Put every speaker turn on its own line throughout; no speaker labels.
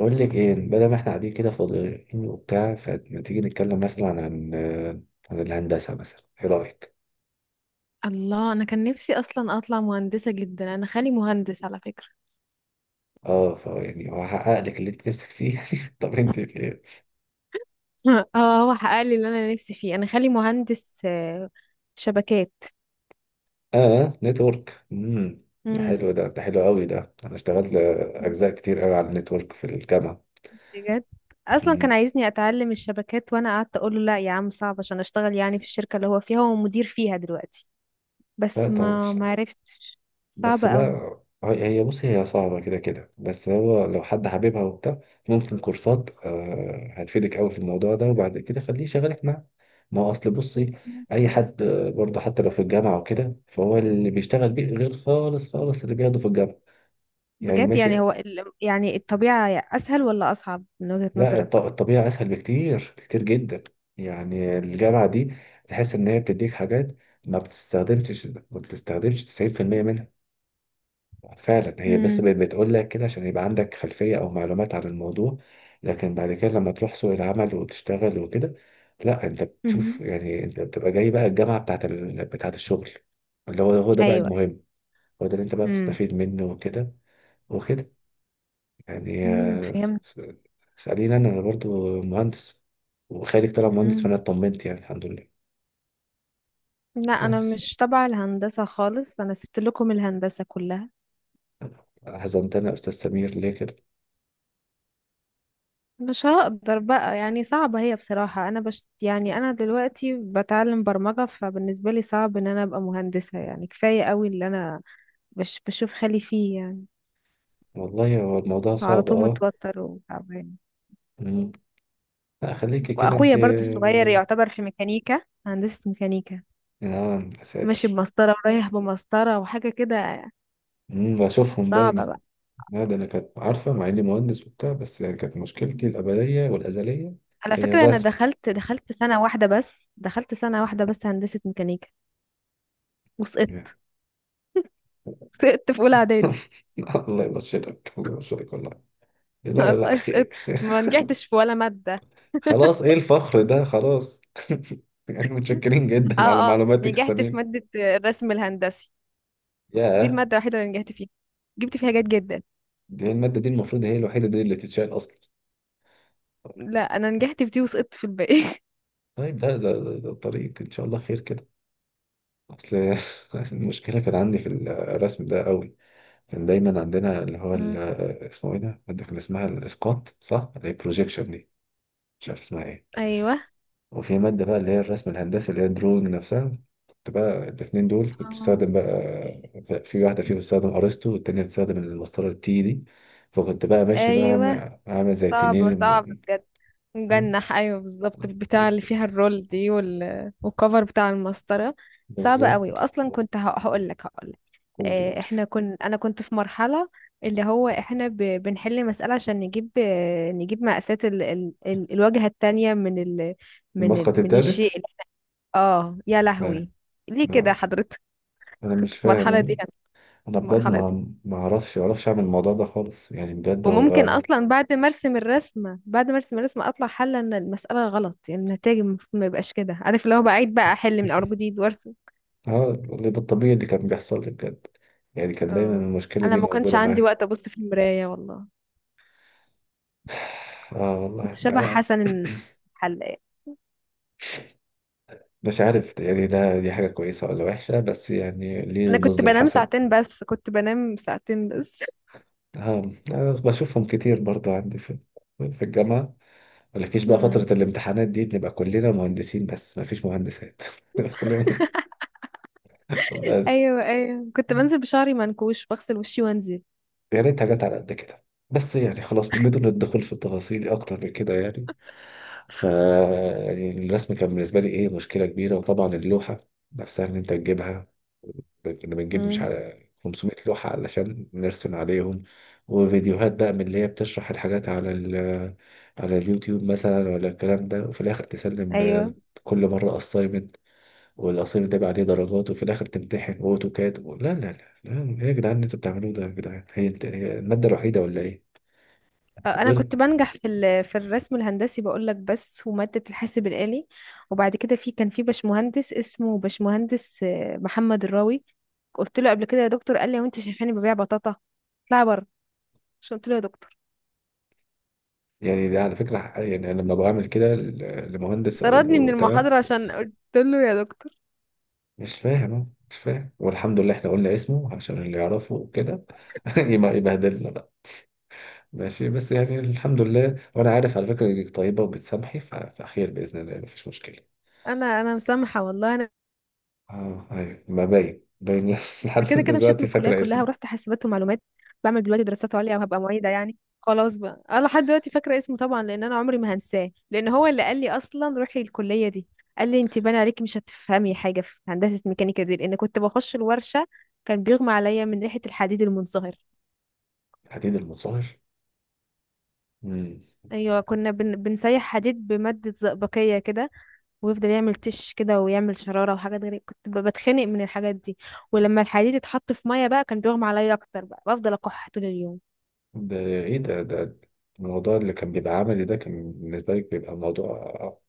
أقول لك إيه، بدل ما إحنا قاعدين كده فاضيين وبتاع، فما تيجي نتكلم مثلا عن الهندسة مثلا، إيه رأيك؟
الله، انا كان نفسي اصلا اطلع مهندسه جدا. انا خالي مهندس على فكره.
أه، فا يعني هحقق لك اللي أنت نفسك فيه. يعني طب أنت في إيه؟
اه، هو حقق لي اللي انا نفسي فيه. انا خالي مهندس شبكات.
أه، نتورك. ده حلو،
امم.
ده حلو أوي. ده أنا اشتغلت أجزاء كتير أوي على النتورك في الجامعة.
بجد اصلا كان
أمم.
عايزني اتعلم الشبكات، وانا قعدت اقول له لا يا عم، صعب عشان اشتغل يعني في الشركه اللي هو فيها، هو مدير فيها دلوقتي.
لا
بس
طبعا.
ما عرفتش.
بس
صعبه
لا،
قوي.
بص، هي صعبة كده كده، بس هو لو حد حاببها وبتاع ممكن كورسات هتفيدك قوي في الموضوع ده، وبعد كده خليه يشغلك معاه. ما هو أصل بصي، أي حد برضه حتى لو في الجامعة وكده، فهو اللي بيشتغل بيه غير خالص خالص اللي بياخده في الجامعة. يعني
بجد يعني
ماشي.
هو يعني الطبيعه اسهل ولا اصعب من وجهه
لا
نظرك؟
الطبيعة أسهل بكتير، كتير جدا. يعني الجامعة دي تحس إن هي بتديك حاجات ما بتستخدمش 90% منها، فعلا. هي بس
امم.
بتقول لك كده عشان يبقى عندك خلفية أو معلومات عن الموضوع، لكن بعد كده لما تروح سوق العمل وتشتغل وكده، لا أنت بتشوف.
أمم.
يعني أنت بتبقى جاي بقى الجامعة بتاعة الشغل، اللي هو ده بقى
ايوه.
المهم. هو ده اللي أنت بقى
امم.
بتستفيد منه وكده، وكده. يعني
امم.
اسأليني، أنا برضو مهندس، وخالد طلع مهندس،
فهمت.
فأنا اطمنت يعني، الحمد لله.
لا، انا
بس
مش تبع الهندسة خالص، انا سبت لكم الهندسة كلها.
حزنتني يا أستاذ سمير، ليه كده؟
مش هقدر بقى، يعني صعبة هي بصراحة. انا يعني انا دلوقتي بتعلم برمجة، فبالنسبة لي صعب ان انا ابقى مهندسة. يعني كفاية قوي اللي انا بشوف خالي فيه، يعني
والله هو الموضوع
على
صعب،
طول
أه.
متوتر وتعبان.
لا خليكي كده انت.
واخويا برضو الصغير يعتبر في ميكانيكا، هندسة ميكانيكا.
اه يا
ماشي
ساتر.
بمسطرة ورايح بمسطرة وحاجة كده.
بشوفهم
صعبة
دايما.
بقى.
لا، ده انا كانت عارفه مع اني مهندس وبتاع، بس يعني كانت مشكلتي الابديه والازليه
على
هي
فكرة، انا
الرسم
دخلت دخلت سنة واحدة بس دخلت سنة واحدة بس هندسة ميكانيكا، وسقطت.
يعني.
سقطت في اولى اعدادي.
الله يبشرك، الله يبشرك والله. لا لا
الله،
خير.
سقطت. ما نجحتش في ولا ماده.
خلاص، ايه الفخر ده؟ خلاص. يعني متشكرين جدا على
اه اه،
معلوماتك
نجحت في
الثمينه.
ماده الرسم الهندسي. دي
ياه.
الماده الوحيده اللي نجحت فيها. جبت فيها جيد جدا.
دي الماده، دي المفروض هي الوحيده دي اللي تتشال اصلا.
لا، انا نجحت في دي وسقطت في الباقي.
طيب لا، ده الطريق ان شاء الله خير كده. اصل المشكله كان عندي في الرسم ده قوي. كان دايما عندنا
مم.
اسمه ايه ده، مادة كان اسمها الاسقاط، صح؟ اللي هي البروجيكشن دي، مش عارف اسمها ايه.
ايوه.
وفي مادة بقى اللي هي الرسم الهندسي، اللي هي الدرون نفسها. كنت بقى الاتنين دول كنت
آه.
بستخدم بقى، في واحدة فيهم بتستخدم ارسطو والتانية بتستخدم المسطرة التي دي. فكنت بقى ماشي بقى
ايوه،
عامل زي
صعبه صعبه
التنين.
بجد. مجنح، ايوه بالظبط، بتاع اللي فيها الرول دي والكفر بتاع المسطره. صعبه قوي.
بالظبط.
واصلا كنت هقول لك، هقول
قولي
آه،
قولي.
احنا كن انا كنت في مرحلة. اللي هو احنا بنحل مسألة عشان نجيب مقاسات الواجهة التانية
المسقط
من الشيء
التالت.
اه يا
ما-
لهوي، ليه كده
ما-
حضرتك؟
انا
كنت
مش
في المرحلة دي
فاهم،
انا،
انا
في
بجد
المرحلة دي.
ما اعرفش اعمل الموضوع ده خالص، يعني بجد هو
وممكن
اه.
اصلا بعد ما ارسم الرسمة اطلع حل ان المسألة غلط. يعني النتائج المفروض ما يبقاش كده، عارف؟ اللي هو بعيد بقى، احل من اول جديد وارسم.
اللي ده الطبيعي اللي كان بيحصل لي بجد، يعني كان دايما
اه،
المشكلة
انا
دي
ما كانش
موجودة
عندي
معايا.
وقت ابص في المراية والله.
اه
كنت
والله
شبه
أنا
حسن الحلاق.
مش عارف، يعني ده دي حاجة كويسة ولا وحشة، بس يعني ليه
انا كنت
نظلم
بنام
حسن.
ساعتين بس كنت بنام ساعتين بس
اه أنا بشوفهم كتير برضو عندي في في الجامعة، مالكيش بقى،
مم.
فترة الامتحانات دي بنبقى كلنا مهندسين بس مفيش مهندسات. كلنا. بس
ايوه، ايوه، كنت بنزل بشعري منكوش، بغسل وشي وانزل.
يا ريت حاجات على قد كده. بس يعني خلاص، بدون الدخول في التفاصيل اكتر من كده يعني. ف يعني الرسم كان بالنسبه لي ايه، مشكله كبيره. وطبعا اللوحه نفسها ان انت تجيبها، كنا بنجيب مش
مم.
على 500 لوحه علشان نرسم عليهم. وفيديوهات بقى من اللي هي بتشرح الحاجات على ال على اليوتيوب مثلا، ولا الكلام ده. وفي الاخر تسلم
ايوه،
كل مره اسايمنت، والاسايمنت ده بقى عليه درجات، وفي الاخر تمتحن واوتوكاد. لا لا لا، لا، ايه يا جدعان اللي انتوا بتعملوه ده؟ يا جدعان هي هي الماده الوحيده ولا ايه؟
انا
وغير.
كنت بنجح في الرسم الهندسي، بقول لك، بس وماده الحاسب الالي. وبعد كده كان في باشمهندس، اسمه باشمهندس محمد الراوي. قلت له قبل كده يا دكتور، قال لي هو انت شايفاني ببيع بطاطا؟ اطلعي بره. مش قلت له يا دكتور؟
يعني ده على فكرة يعني أنا لما بعمل كده لمهندس أقول
طردني من
له تمام،
المحاضره عشان قلت له يا دكتور.
مش فاهم أهو، مش فاهم، والحمد لله إحنا قلنا اسمه عشان اللي يعرفه وكده. يبقى يبهدلنا بقى. ماشي، بس يعني الحمد لله، وأنا عارف على فكرة إنك طيبة وبتسامحي فخير بإذن الله يعني، مفيش مشكلة.
انا مسامحه والله. انا
أه أيوة، ما باين باين. لحد
انا كده كده مشيت
دلوقتي
من الكليه
فاكرة
كلها،
اسمي.
ورحت حاسبات ومعلومات. بعمل دلوقتي دراسات عليا وهبقى معيده. يعني خلاص بقى. انا لحد دلوقتي فاكره اسمه طبعا، لان انا عمري ما هنساه، لان هو اللي قال لي اصلا روحي الكليه دي. قال لي انت باين عليكي مش هتفهمي حاجه في هندسه ميكانيكا دي، لان كنت بخش الورشه، كان بيغمى عليا من ريحه الحديد المنصهر.
حديد المصهر. مم.
ايوه، كنا بنسيح حديد بماده زئبقيه كده، ويفضل يعمل تش كده ويعمل شراره وحاجات غريبه، كنت بتخنق من الحاجات دي. ولما الحديد اتحط في ميه بقى، كان بيغمى عليا اكتر بقى، بفضل اكح طول اليوم.
ده إيه ده الموضوع اللي كان بيبقى عملي ده كان بالنسبة لك بيبقى موضوع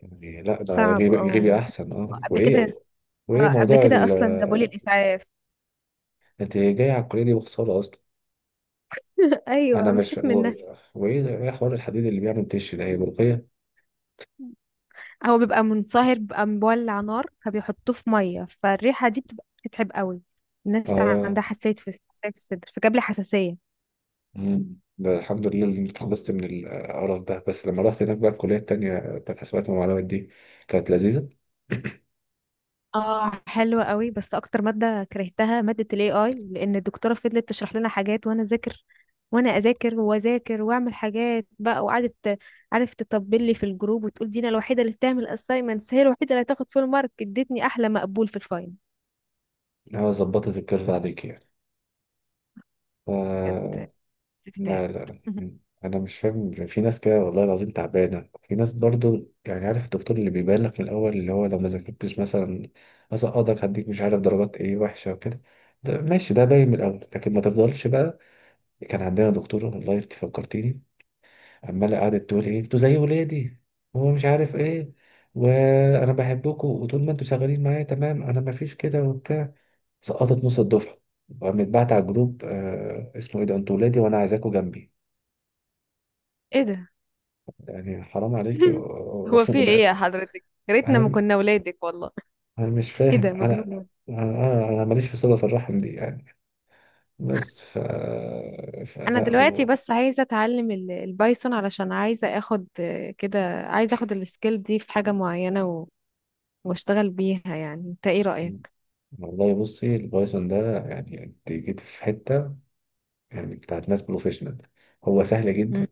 يعني. لا ده
صعب
غيبي
اه.
غيبي احسن اه.
قبل كده
وايه، وايه
اه قبل
موضوع
كده
ال.
اصلا جابولي الاسعاف.
انت جاي على الكليه دي بخساره اصلا.
ايوه،
انا مش
مشيت منها.
وايه، ايه حوار الحديد اللي بيعمل تش ده، هي بلقيه؟
هو بيبقى منصهر، بيبقى مولع نار، فبيحطوه في ميه، فالريحه دي بتبقى بتتعب قوي. الناس
اه.
عندها حساسيه في الصدر، فجاب لي حساسيه.
مم. ده الحمد لله اللي اتخلصت من القرف ده، بس لما رحت هناك بقى الكليه التانيه بتاعت حسابات ومعلومات دي، كانت لذيذه.
اه، حلوة قوي. بس اكتر مادة كرهتها مادة الاي اي، لان الدكتورة فضلت تشرح لنا حاجات وانا اذاكر، وانا اذاكر واذاكر واعمل حاجات بقى، وقعدت، عارف، تطبل لي في الجروب وتقول دينا الوحيدة اللي بتعمل اسايمنتس، هي الوحيدة اللي هتاخد فول مارك، ادتني احلى مقبول في الفاينل.
اه، ظبطت الكيرف عليك يعني.
بجد،
آه،
بتتعب.
لا لا انا مش فاهم، في ناس كده والله العظيم تعبانه، في ناس برضو يعني عارف الدكتور اللي بيبان لك من الاول اللي هو لو ما ذاكرتش مثلا هسقطك، هديك مش عارف درجات ايه وحشه وكده. ده ماشي، ده باين من الاول، لكن ما تفضلش بقى. كان عندنا دكتوره، والله انت فكرتيني، عماله قعدت تقول، ايه انتوا زي ولادي، هو مش عارف ايه، وانا بحبكم، وطول ما انتوا شغالين معايا تمام انا ما فيش كده وبتاع. سقطت نص الدفعه، وقامت بعت على الجروب، آه اسمه ايه ده، انتوا ولادي وانا عايزاكوا جنبي
ايه ده؟
يعني، حرام عليكي
هو في ايه
وده.
يا حضرتك؟ يا ريتنا ما
انا
كنا ولادك والله.
انا مش
ايه ده،
فاهم انا
مجنونة.
انا انا أنا ماليش في صلة الرحم دي يعني. بس ف
انا
فلا
دلوقتي
هو.
بس عايزه اتعلم البايثون، علشان عايزه اخد كده، عايزه اخد السكيل دي في حاجه معينه واشتغل بيها. يعني انت ايه رايك؟
والله بصي البايثون ده يعني، انت جيت في حتة يعني بتاعت ناس بروفيشنال، هو سهل جدا
مم.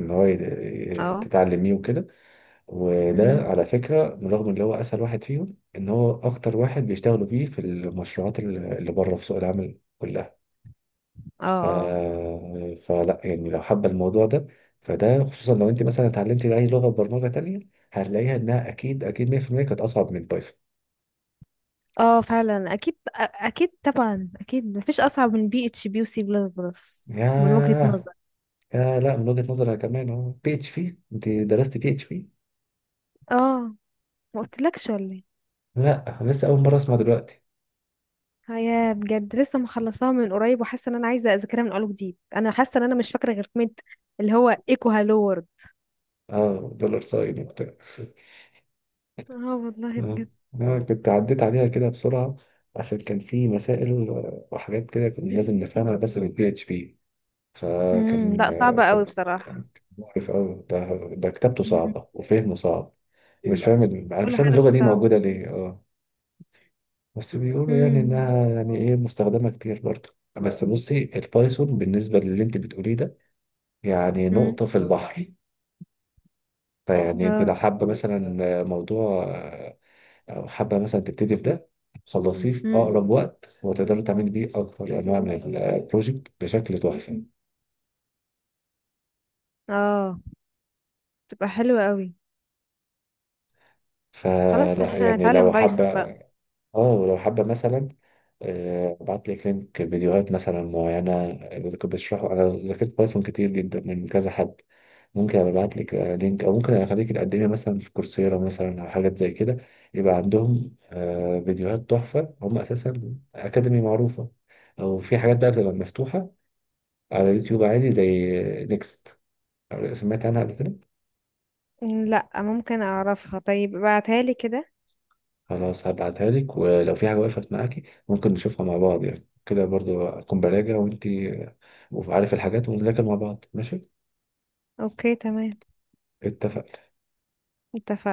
ان هو
اه.
تتعلميه وكده. وده
مهم.
على فكرة رغم ان هو اسهل واحد فيهم، ان هو اكتر واحد بيشتغلوا بيه في المشروعات اللي بره في سوق العمل كلها.
اه
ف...
اه.
فلا يعني لو حابة الموضوع ده، فده خصوصا لو انت مثلا اتعلمتي اي لغة برمجة تانية، هتلاقيها انها اكيد اكيد 100% كانت اصعب من بايثون.
اه، فعلا اكيد. اكيد طبعا. اكيد مفيش اصعب من بي اتش بي وسي بلس بلس من وجهة
ياه،
نظري.
يا لا، من وجهة نظري أنا كمان اهو. بي اتش بي، انت درست بي اتش بي؟
اه، ما قلتلكش ولا ايه؟
لا أنا لسه اول مرة اسمع دلوقتي.
هي بجد لسه مخلصاها من قريب، وحاسه ان انا عايزه اذاكرها من اول وجديد. انا حاسه ان انا مش فاكره غير كلمه، اللي هو ايكو هالو وورد.
اه، دولار ساين وبتاع.
اه والله
آه،
بجد.
كنت عديت عليها كده بسرعة، عشان كان في مسائل وحاجات كده كنا لازم نفهمها بس بالبي اتش بي.
امم.
فكان،
لا، صعبة قوي
كان
بصراحة.
كان مقرف قوي ده، ده كتابته
مم.
صعبة وفهمه صعب. ايه، مش لا فاهم ال- انا مش
كل
فاهم
حاجة
اللغة
فيه
دي
صعبة.
موجودة ليه اه. بس بيقولوا يعني
امم.
انها يعني ايه، مستخدمة كتير برضه، بس بصي البايثون بالنسبة للي انت بتقوليه ده، يعني
امم.
نقطة في البحر اه. فيعني انت لو
اه.
حابة مثلا موضوع، او حابة مثلا تبتدي في ده، خلصيه في
امم.
اقرب وقت، وتقدري تعملي بيه اكتر انواع من البروجكت بشكل تحفة.
اه، تبقى حلوة قوي. خلاص،
فلا
احنا
يعني
هنتعلم
لو
بايثون
حابة،
بقى.
اه، ولو حابة مثلا ابعت لك لينك فيديوهات مثلا معينة كنت بشرحه. انا ذاكرت بايثون كتير جدا من كذا حد، ممكن ابعت لك لينك، او ممكن اخليك تقدمي مثلا في كورسيرا مثلا، او حاجات زي كده يبقى عندهم فيديوهات تحفة، هم اساسا اكاديمي معروفة. او في حاجات بقى بتبقى مفتوحة على يوتيوب عادي زي نيكست، سمعت عنها قبل كده؟
مم، لا ممكن اعرفها؟ طيب ابعتها لي كده.
خلاص هبعتها لك، ولو في حاجة وقفت معاكي ممكن نشوفها مع بعض، يعني كده برضو أكون براجع وأنتي وعارف الحاجات، ونذاكر مع بعض، ماشي؟
اوكي، تمام.
اتفق.
اتفقنا.